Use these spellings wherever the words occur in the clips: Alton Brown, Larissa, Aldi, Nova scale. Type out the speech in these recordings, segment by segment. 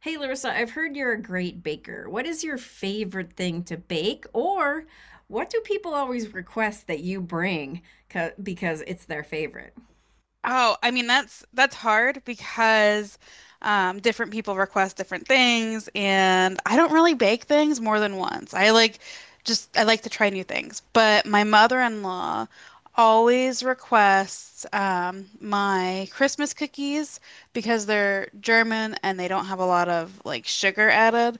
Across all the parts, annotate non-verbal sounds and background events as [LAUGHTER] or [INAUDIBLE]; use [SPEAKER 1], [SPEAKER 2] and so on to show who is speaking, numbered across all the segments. [SPEAKER 1] Hey, Larissa, I've heard you're a great baker. What is your favorite thing to bake, or what do people always request that you bring because it's their favorite?
[SPEAKER 2] Oh, I mean that's hard because different people request different things, and I don't really bake things more than once. I like to try new things, but my mother-in-law always requests my Christmas cookies because they're German and they don't have a lot of like sugar added,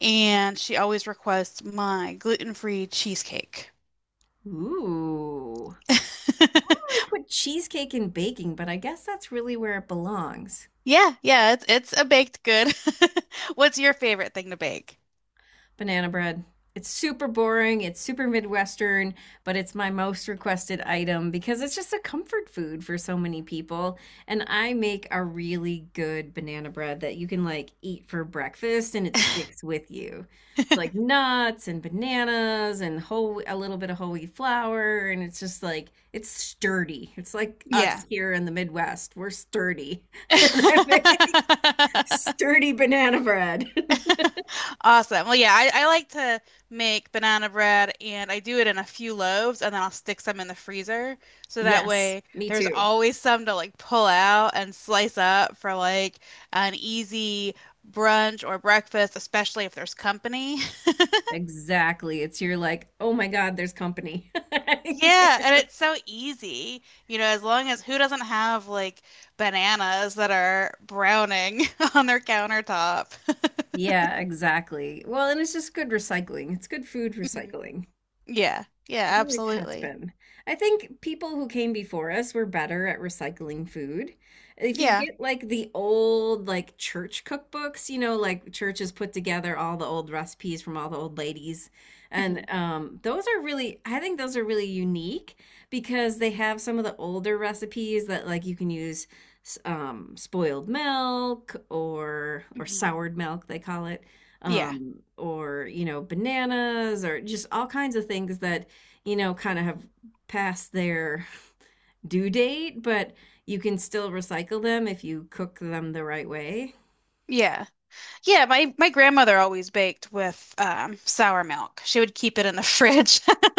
[SPEAKER 2] and she always requests my gluten-free cheesecake.
[SPEAKER 1] Ooh, I do
[SPEAKER 2] [LAUGHS]
[SPEAKER 1] put cheesecake in baking, but I guess that's really where it belongs.
[SPEAKER 2] Yeah, yeah, it's a baked good. [LAUGHS] What's your favorite thing to bake?
[SPEAKER 1] Banana bread. It's super boring, it's super Midwestern, but it's my most requested item because it's just a comfort food for so many people. And I make a really good banana bread that you can like eat for breakfast and it sticks with you. It's like nuts and bananas and whole a little bit of whole wheat flour and it's just like it's sturdy. It's like us
[SPEAKER 2] Yeah.
[SPEAKER 1] here in the Midwest. We're sturdy. [LAUGHS] And I make
[SPEAKER 2] [LAUGHS]
[SPEAKER 1] sturdy banana bread. [LAUGHS]
[SPEAKER 2] Awesome. Well, yeah, I like to make banana bread and I do it in a few loaves and then I'll stick some in the freezer. So that
[SPEAKER 1] Yes,
[SPEAKER 2] way
[SPEAKER 1] me
[SPEAKER 2] there's
[SPEAKER 1] too.
[SPEAKER 2] always some to like pull out and slice up for like an easy brunch or breakfast, especially if there's company.
[SPEAKER 1] Exactly. It's You're like, oh my God, there's company. [LAUGHS]
[SPEAKER 2] Yeah, and it's so easy. As long as who doesn't have like bananas that are browning [LAUGHS] on their countertop? [LAUGHS]
[SPEAKER 1] Yeah, exactly. Well, and it's just good recycling. It's good food
[SPEAKER 2] Mhm.
[SPEAKER 1] recycling.
[SPEAKER 2] Yeah.
[SPEAKER 1] It
[SPEAKER 2] Yeah,
[SPEAKER 1] always has
[SPEAKER 2] absolutely.
[SPEAKER 1] been. I think people who came before us were better at recycling food. If you
[SPEAKER 2] Yeah.
[SPEAKER 1] get like the old like church cookbooks, like churches put together all the old recipes from all the old ladies, and
[SPEAKER 2] hmm
[SPEAKER 1] I think those are really unique because they have some of the older recipes that like you can use spoiled milk, or
[SPEAKER 2] hmm
[SPEAKER 1] soured milk they call it,
[SPEAKER 2] Yeah.
[SPEAKER 1] or bananas, or just all kinds of things that kind of have passed their due date, but you can still recycle them if you cook them the right way.
[SPEAKER 2] Yeah. Yeah, my grandmother always baked with sour milk. She would keep it in the [LAUGHS] fridge. [LAUGHS]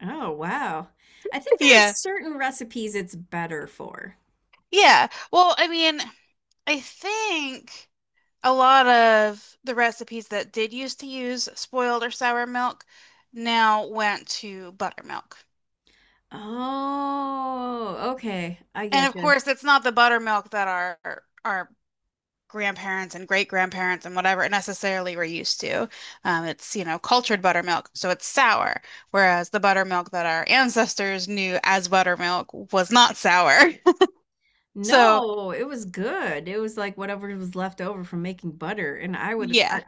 [SPEAKER 1] Oh, wow. I think there are
[SPEAKER 2] Yeah.
[SPEAKER 1] certain recipes it's better for.
[SPEAKER 2] Yeah. Well, I mean, I think a lot of the recipes that did used to use spoiled or sour milk now went to buttermilk.
[SPEAKER 1] Oh, okay. I
[SPEAKER 2] And
[SPEAKER 1] get
[SPEAKER 2] of
[SPEAKER 1] you.
[SPEAKER 2] course, it's not the buttermilk that our grandparents and great grandparents and whatever necessarily were used to. It's you know, cultured buttermilk, so it's sour, whereas the buttermilk that our ancestors knew as buttermilk was not sour. [LAUGHS] So,
[SPEAKER 1] No, it was good. It was like whatever was left over from making butter. And
[SPEAKER 2] yeah,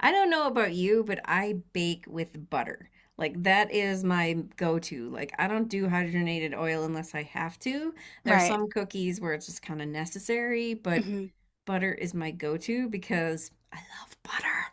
[SPEAKER 1] I don't know about you, but I bake with butter. Like that is my go-to. Like I don't do hydrogenated oil unless I have to. There's
[SPEAKER 2] right.
[SPEAKER 1] some cookies where it's just kind of necessary, but
[SPEAKER 2] Mhm.
[SPEAKER 1] butter is my go-to because I love butter.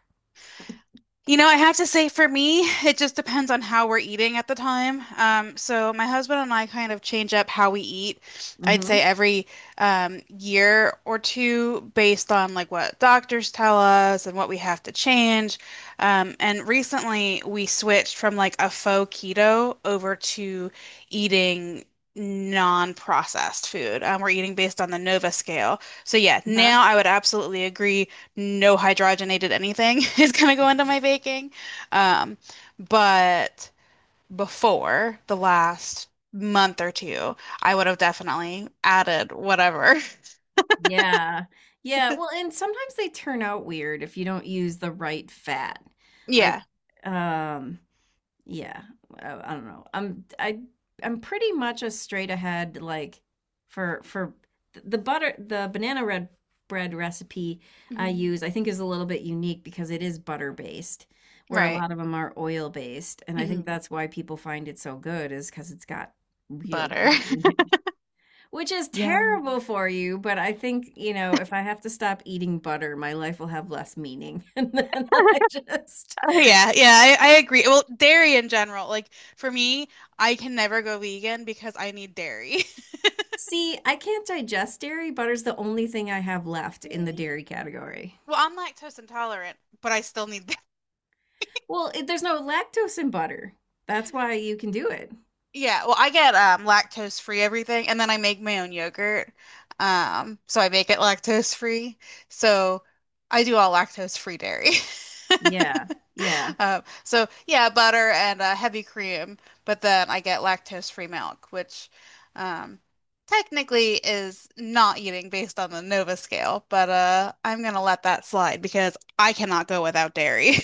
[SPEAKER 2] You know, I have to say for me, it just depends on how we're eating at the time. So my husband and I kind of change up how we eat. I'd say
[SPEAKER 1] Mm-hmm.
[SPEAKER 2] every year or two based on like what doctors tell us and what we have to change. And recently we switched from like a faux keto over to eating non-processed food. We're eating based on the Nova scale. So yeah,
[SPEAKER 1] Uh-huh.
[SPEAKER 2] now I would absolutely agree no hydrogenated anything [LAUGHS] is going to go into my baking. Um, but before the last month or two, I would have definitely added whatever. [LAUGHS]
[SPEAKER 1] Yeah. Yeah. Well, and sometimes they turn out weird if you don't use the right fat. Like,
[SPEAKER 2] Yeah.
[SPEAKER 1] um, yeah, I don't know, I'm pretty much a straight ahead, like, for the banana red bread recipe I
[SPEAKER 2] hmm
[SPEAKER 1] use, I think, is a little bit unique because it is butter based, where a
[SPEAKER 2] Right.
[SPEAKER 1] lot of them are oil based, and I think
[SPEAKER 2] hmm
[SPEAKER 1] that's why people find it so good is because it's got real
[SPEAKER 2] Butter.
[SPEAKER 1] butter in it, which is
[SPEAKER 2] Yum. [LAUGHS]
[SPEAKER 1] terrible for you, but I think if I have to stop eating butter my life will have less meaning [LAUGHS] and then I just.
[SPEAKER 2] Oh yeah, yeah, I agree. Well, dairy in general, like for me, I can never go vegan because I need dairy. [LAUGHS]
[SPEAKER 1] See, I can't digest dairy. Butter's the only thing I have left in the
[SPEAKER 2] Really?
[SPEAKER 1] dairy category.
[SPEAKER 2] Well, I'm lactose intolerant, but I still need.
[SPEAKER 1] Well, there's no lactose in butter. That's why you can do it.
[SPEAKER 2] Yeah, well, I get lactose free everything, and then I make my own yogurt. So I make it lactose free. So I do all lactose free dairy. [LAUGHS]
[SPEAKER 1] Yeah. Yeah.
[SPEAKER 2] So yeah, butter and heavy cream, but then I get lactose free milk, which um technically is not eating based on the Nova scale, but I'm gonna let that slide because I cannot go without dairy.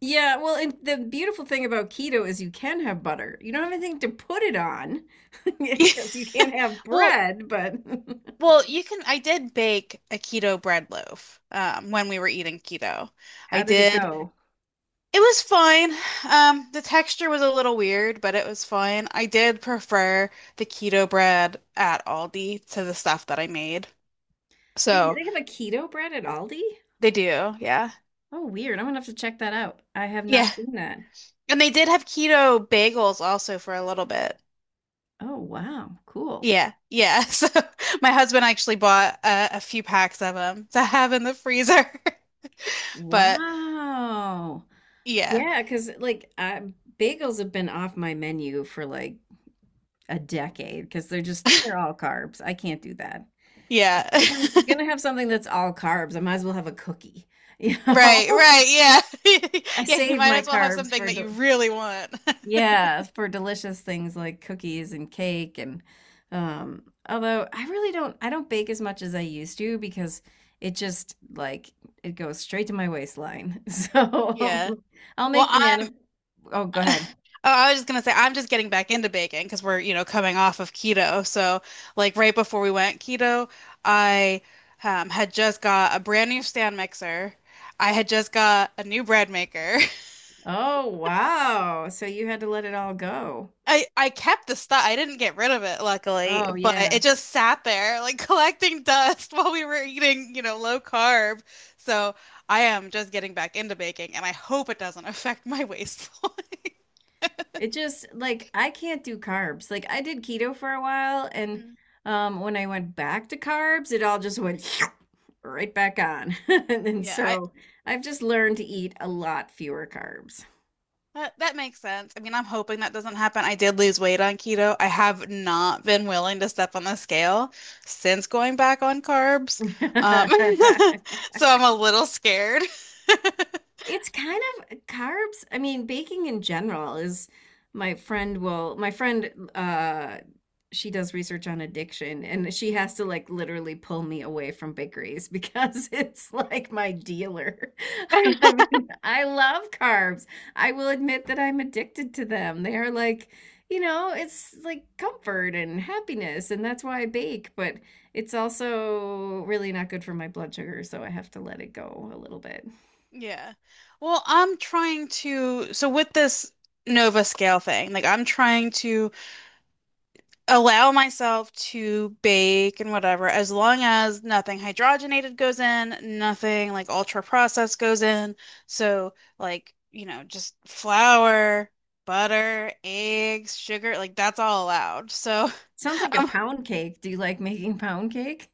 [SPEAKER 1] Yeah. Well, and the beautiful thing about keto is you can have butter. You don't have anything to put it on [LAUGHS] because you can't have
[SPEAKER 2] [LAUGHS] Well,
[SPEAKER 1] bread, but [LAUGHS]
[SPEAKER 2] well, you can. I did bake a keto bread loaf when we were eating keto. I
[SPEAKER 1] how did it
[SPEAKER 2] did.
[SPEAKER 1] go?
[SPEAKER 2] It was fine. The texture was a little weird, but it was fine. I did prefer the keto bread at Aldi to the stuff that I made.
[SPEAKER 1] They,
[SPEAKER 2] So
[SPEAKER 1] they have a keto bread at Aldi?
[SPEAKER 2] they do, yeah.
[SPEAKER 1] Oh, weird. I'm gonna have to check that out. I have
[SPEAKER 2] Yeah.
[SPEAKER 1] not seen that.
[SPEAKER 2] And they did have keto bagels also for a little bit.
[SPEAKER 1] Oh, wow. Cool.
[SPEAKER 2] Yeah. Yeah. [LAUGHS] So my husband actually bought a few packs of them to have in the freezer. [LAUGHS] But
[SPEAKER 1] Wow.
[SPEAKER 2] yeah.
[SPEAKER 1] Yeah, because like, I bagels have been off my menu for, like, a decade because 'cause they're all carbs. I can't do that.
[SPEAKER 2] Yeah.
[SPEAKER 1] If
[SPEAKER 2] [LAUGHS]
[SPEAKER 1] I'm gonna have something that's all carbs, I might as well have a cookie, [LAUGHS] you
[SPEAKER 2] Right,
[SPEAKER 1] know?
[SPEAKER 2] right, yeah.
[SPEAKER 1] I
[SPEAKER 2] [LAUGHS] Yeah, you
[SPEAKER 1] save
[SPEAKER 2] might
[SPEAKER 1] my
[SPEAKER 2] as well have
[SPEAKER 1] carbs
[SPEAKER 2] something
[SPEAKER 1] for
[SPEAKER 2] that
[SPEAKER 1] the
[SPEAKER 2] you really want. [LAUGHS]
[SPEAKER 1] yeah, for delicious things like cookies and cake, and although I don't bake as much as I used to because like, it goes straight to my waistline. [LAUGHS] So,
[SPEAKER 2] Yeah.
[SPEAKER 1] um, I'll
[SPEAKER 2] Well,
[SPEAKER 1] make banana.
[SPEAKER 2] I.
[SPEAKER 1] Oh, go ahead.
[SPEAKER 2] [LAUGHS] Oh, I was just gonna say I'm just getting back into baking because we're, you know, coming off of keto. So, like right before we went keto, I had just got a brand new stand mixer. I had just got a new bread maker.
[SPEAKER 1] Oh, wow. So you had to let it all go.
[SPEAKER 2] I kept the stuff. I didn't get rid of it, luckily,
[SPEAKER 1] Oh,
[SPEAKER 2] but
[SPEAKER 1] yeah.
[SPEAKER 2] it just sat there like [LAUGHS] collecting dust while we were eating, you know, low carb. So I am just getting back into baking, and I hope it doesn't [LAUGHS] affect my waistline. [LAUGHS]
[SPEAKER 1] It just, like, I can't do carbs. Like I did keto for a while and
[SPEAKER 2] Mm.
[SPEAKER 1] when I went back to carbs, it all just went [LAUGHS] right back on. [LAUGHS] And
[SPEAKER 2] Yeah, I
[SPEAKER 1] so I've just learned to eat a lot fewer carbs.
[SPEAKER 2] that makes sense. I mean, I'm hoping that doesn't happen. I did lose weight on keto. I have not been willing to step on the scale since going back on carbs. Um,
[SPEAKER 1] [LAUGHS]
[SPEAKER 2] [LAUGHS] so I'm a little scared. [LAUGHS]
[SPEAKER 1] It's kind of carbs. I mean, baking in general is my friend, she does research on addiction and she has to like literally pull me away from bakeries because [LAUGHS] it's like my dealer. [LAUGHS] I mean, I love carbs. I will admit that I'm addicted to them. They are like, it's like comfort and happiness, and that's why I bake, but it's also really not good for my blood sugar, so I have to let it go a little bit.
[SPEAKER 2] Yeah. Well, I'm trying to, so with this Nova scale thing, like I'm trying to allow myself to bake and whatever, as long as nothing hydrogenated goes in, nothing like ultra processed goes in. So, like, you know, just flour, butter, eggs, sugar, like that's all allowed. So,
[SPEAKER 1] Sounds like
[SPEAKER 2] [LAUGHS]
[SPEAKER 1] a
[SPEAKER 2] um,
[SPEAKER 1] pound cake. Do you like making pound cake?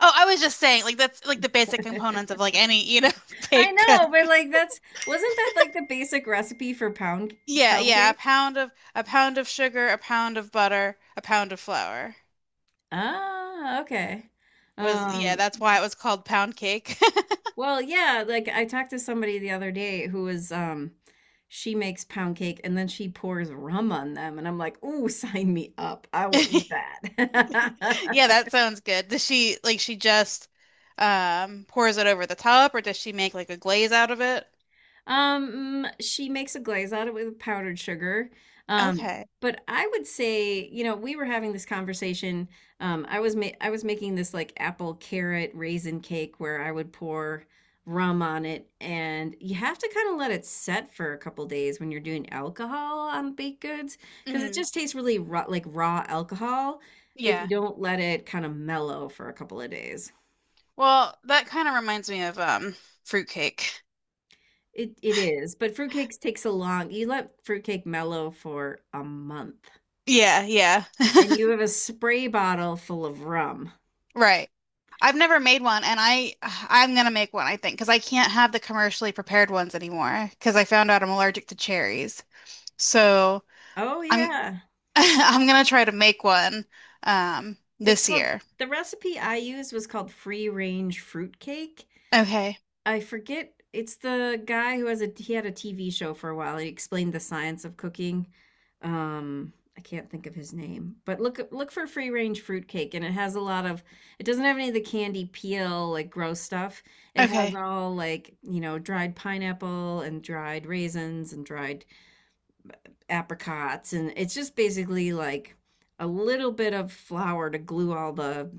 [SPEAKER 2] oh, I was just saying, like, that's like the basic components of
[SPEAKER 1] [LAUGHS]
[SPEAKER 2] like any, you know, [LAUGHS]
[SPEAKER 1] I
[SPEAKER 2] bake.
[SPEAKER 1] know, but like that's wasn't that like the basic recipe for pound
[SPEAKER 2] Yeah,
[SPEAKER 1] pound
[SPEAKER 2] yeah,
[SPEAKER 1] cake?
[SPEAKER 2] a pound of sugar, a pound of butter, a pound of flour
[SPEAKER 1] Ah, okay.
[SPEAKER 2] was yeah,
[SPEAKER 1] Um,
[SPEAKER 2] that's why it was called pound cake.
[SPEAKER 1] well, yeah, like I talked to somebody the other day who was she makes pound cake and then she pours rum on them and I'm like, "Ooh, sign me up. I will eat
[SPEAKER 2] [LAUGHS] Yeah,
[SPEAKER 1] that."
[SPEAKER 2] that
[SPEAKER 1] [LAUGHS]
[SPEAKER 2] sounds good. Does she like she just pours it over the top or does she make like a glaze out of it?
[SPEAKER 1] She makes a glaze out of it with powdered sugar. Um,
[SPEAKER 2] Okay.
[SPEAKER 1] but I would say, we were having this conversation. I was making this like apple carrot raisin cake where I would pour rum on it, and you have to kind of let it set for a couple days when you're doing alcohol on baked goods because it
[SPEAKER 2] Mhm.
[SPEAKER 1] just tastes really raw, like raw alcohol if you
[SPEAKER 2] Yeah.
[SPEAKER 1] don't let it kind of mellow for a couple of days.
[SPEAKER 2] Well, that kind of reminds me of fruit cake.
[SPEAKER 1] It is, but fruitcakes takes a long, you let fruitcake mellow for a month,
[SPEAKER 2] Yeah, yeah.
[SPEAKER 1] and you have a spray bottle full of rum.
[SPEAKER 2] Right. I've never made one and I'm gonna make one I think because I can't have the commercially prepared ones anymore because I found out I'm allergic to cherries. So
[SPEAKER 1] Oh
[SPEAKER 2] I'm
[SPEAKER 1] yeah.
[SPEAKER 2] [LAUGHS] I'm gonna try to make one
[SPEAKER 1] It's
[SPEAKER 2] this
[SPEAKER 1] called,
[SPEAKER 2] year.
[SPEAKER 1] the recipe I used was called free range fruitcake.
[SPEAKER 2] Okay.
[SPEAKER 1] I forget, it's the guy who has a he had a TV show for a while. He explained the science of cooking. I can't think of his name, but look for free range fruitcake, and it has a lot of. It doesn't have any of the candy peel like gross stuff. It has
[SPEAKER 2] Okay.
[SPEAKER 1] all like dried pineapple and dried raisins and dried apricots and it's just basically like a little bit of flour to glue all the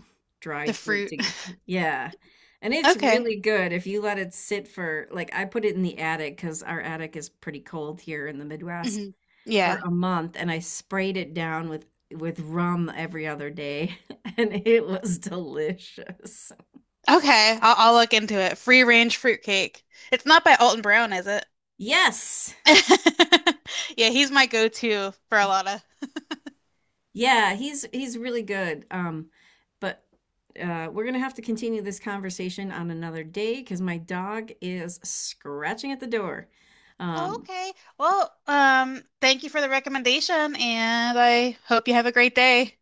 [SPEAKER 2] The
[SPEAKER 1] dried fruit
[SPEAKER 2] fruit.
[SPEAKER 1] together.
[SPEAKER 2] [LAUGHS]
[SPEAKER 1] Yeah. And it's
[SPEAKER 2] Okay.
[SPEAKER 1] really good if you let it sit for like I put it in the attic because our attic is pretty cold here in the Midwest
[SPEAKER 2] hmm
[SPEAKER 1] for
[SPEAKER 2] Yeah.
[SPEAKER 1] a month and I sprayed it down with rum every other day [LAUGHS] and it was delicious.
[SPEAKER 2] Okay. I'll look into it. Free range fruit cake. It's not by Alton Brown, is it?
[SPEAKER 1] Yes.
[SPEAKER 2] [LAUGHS] Yeah, he's my go-to for a lot of.
[SPEAKER 1] Yeah, he's really good. But we're gonna have to continue this conversation on another day because my dog is scratching at the door.
[SPEAKER 2] Oh,
[SPEAKER 1] Um,
[SPEAKER 2] okay. Well, thank you for the recommendation, and I hope you have a great day.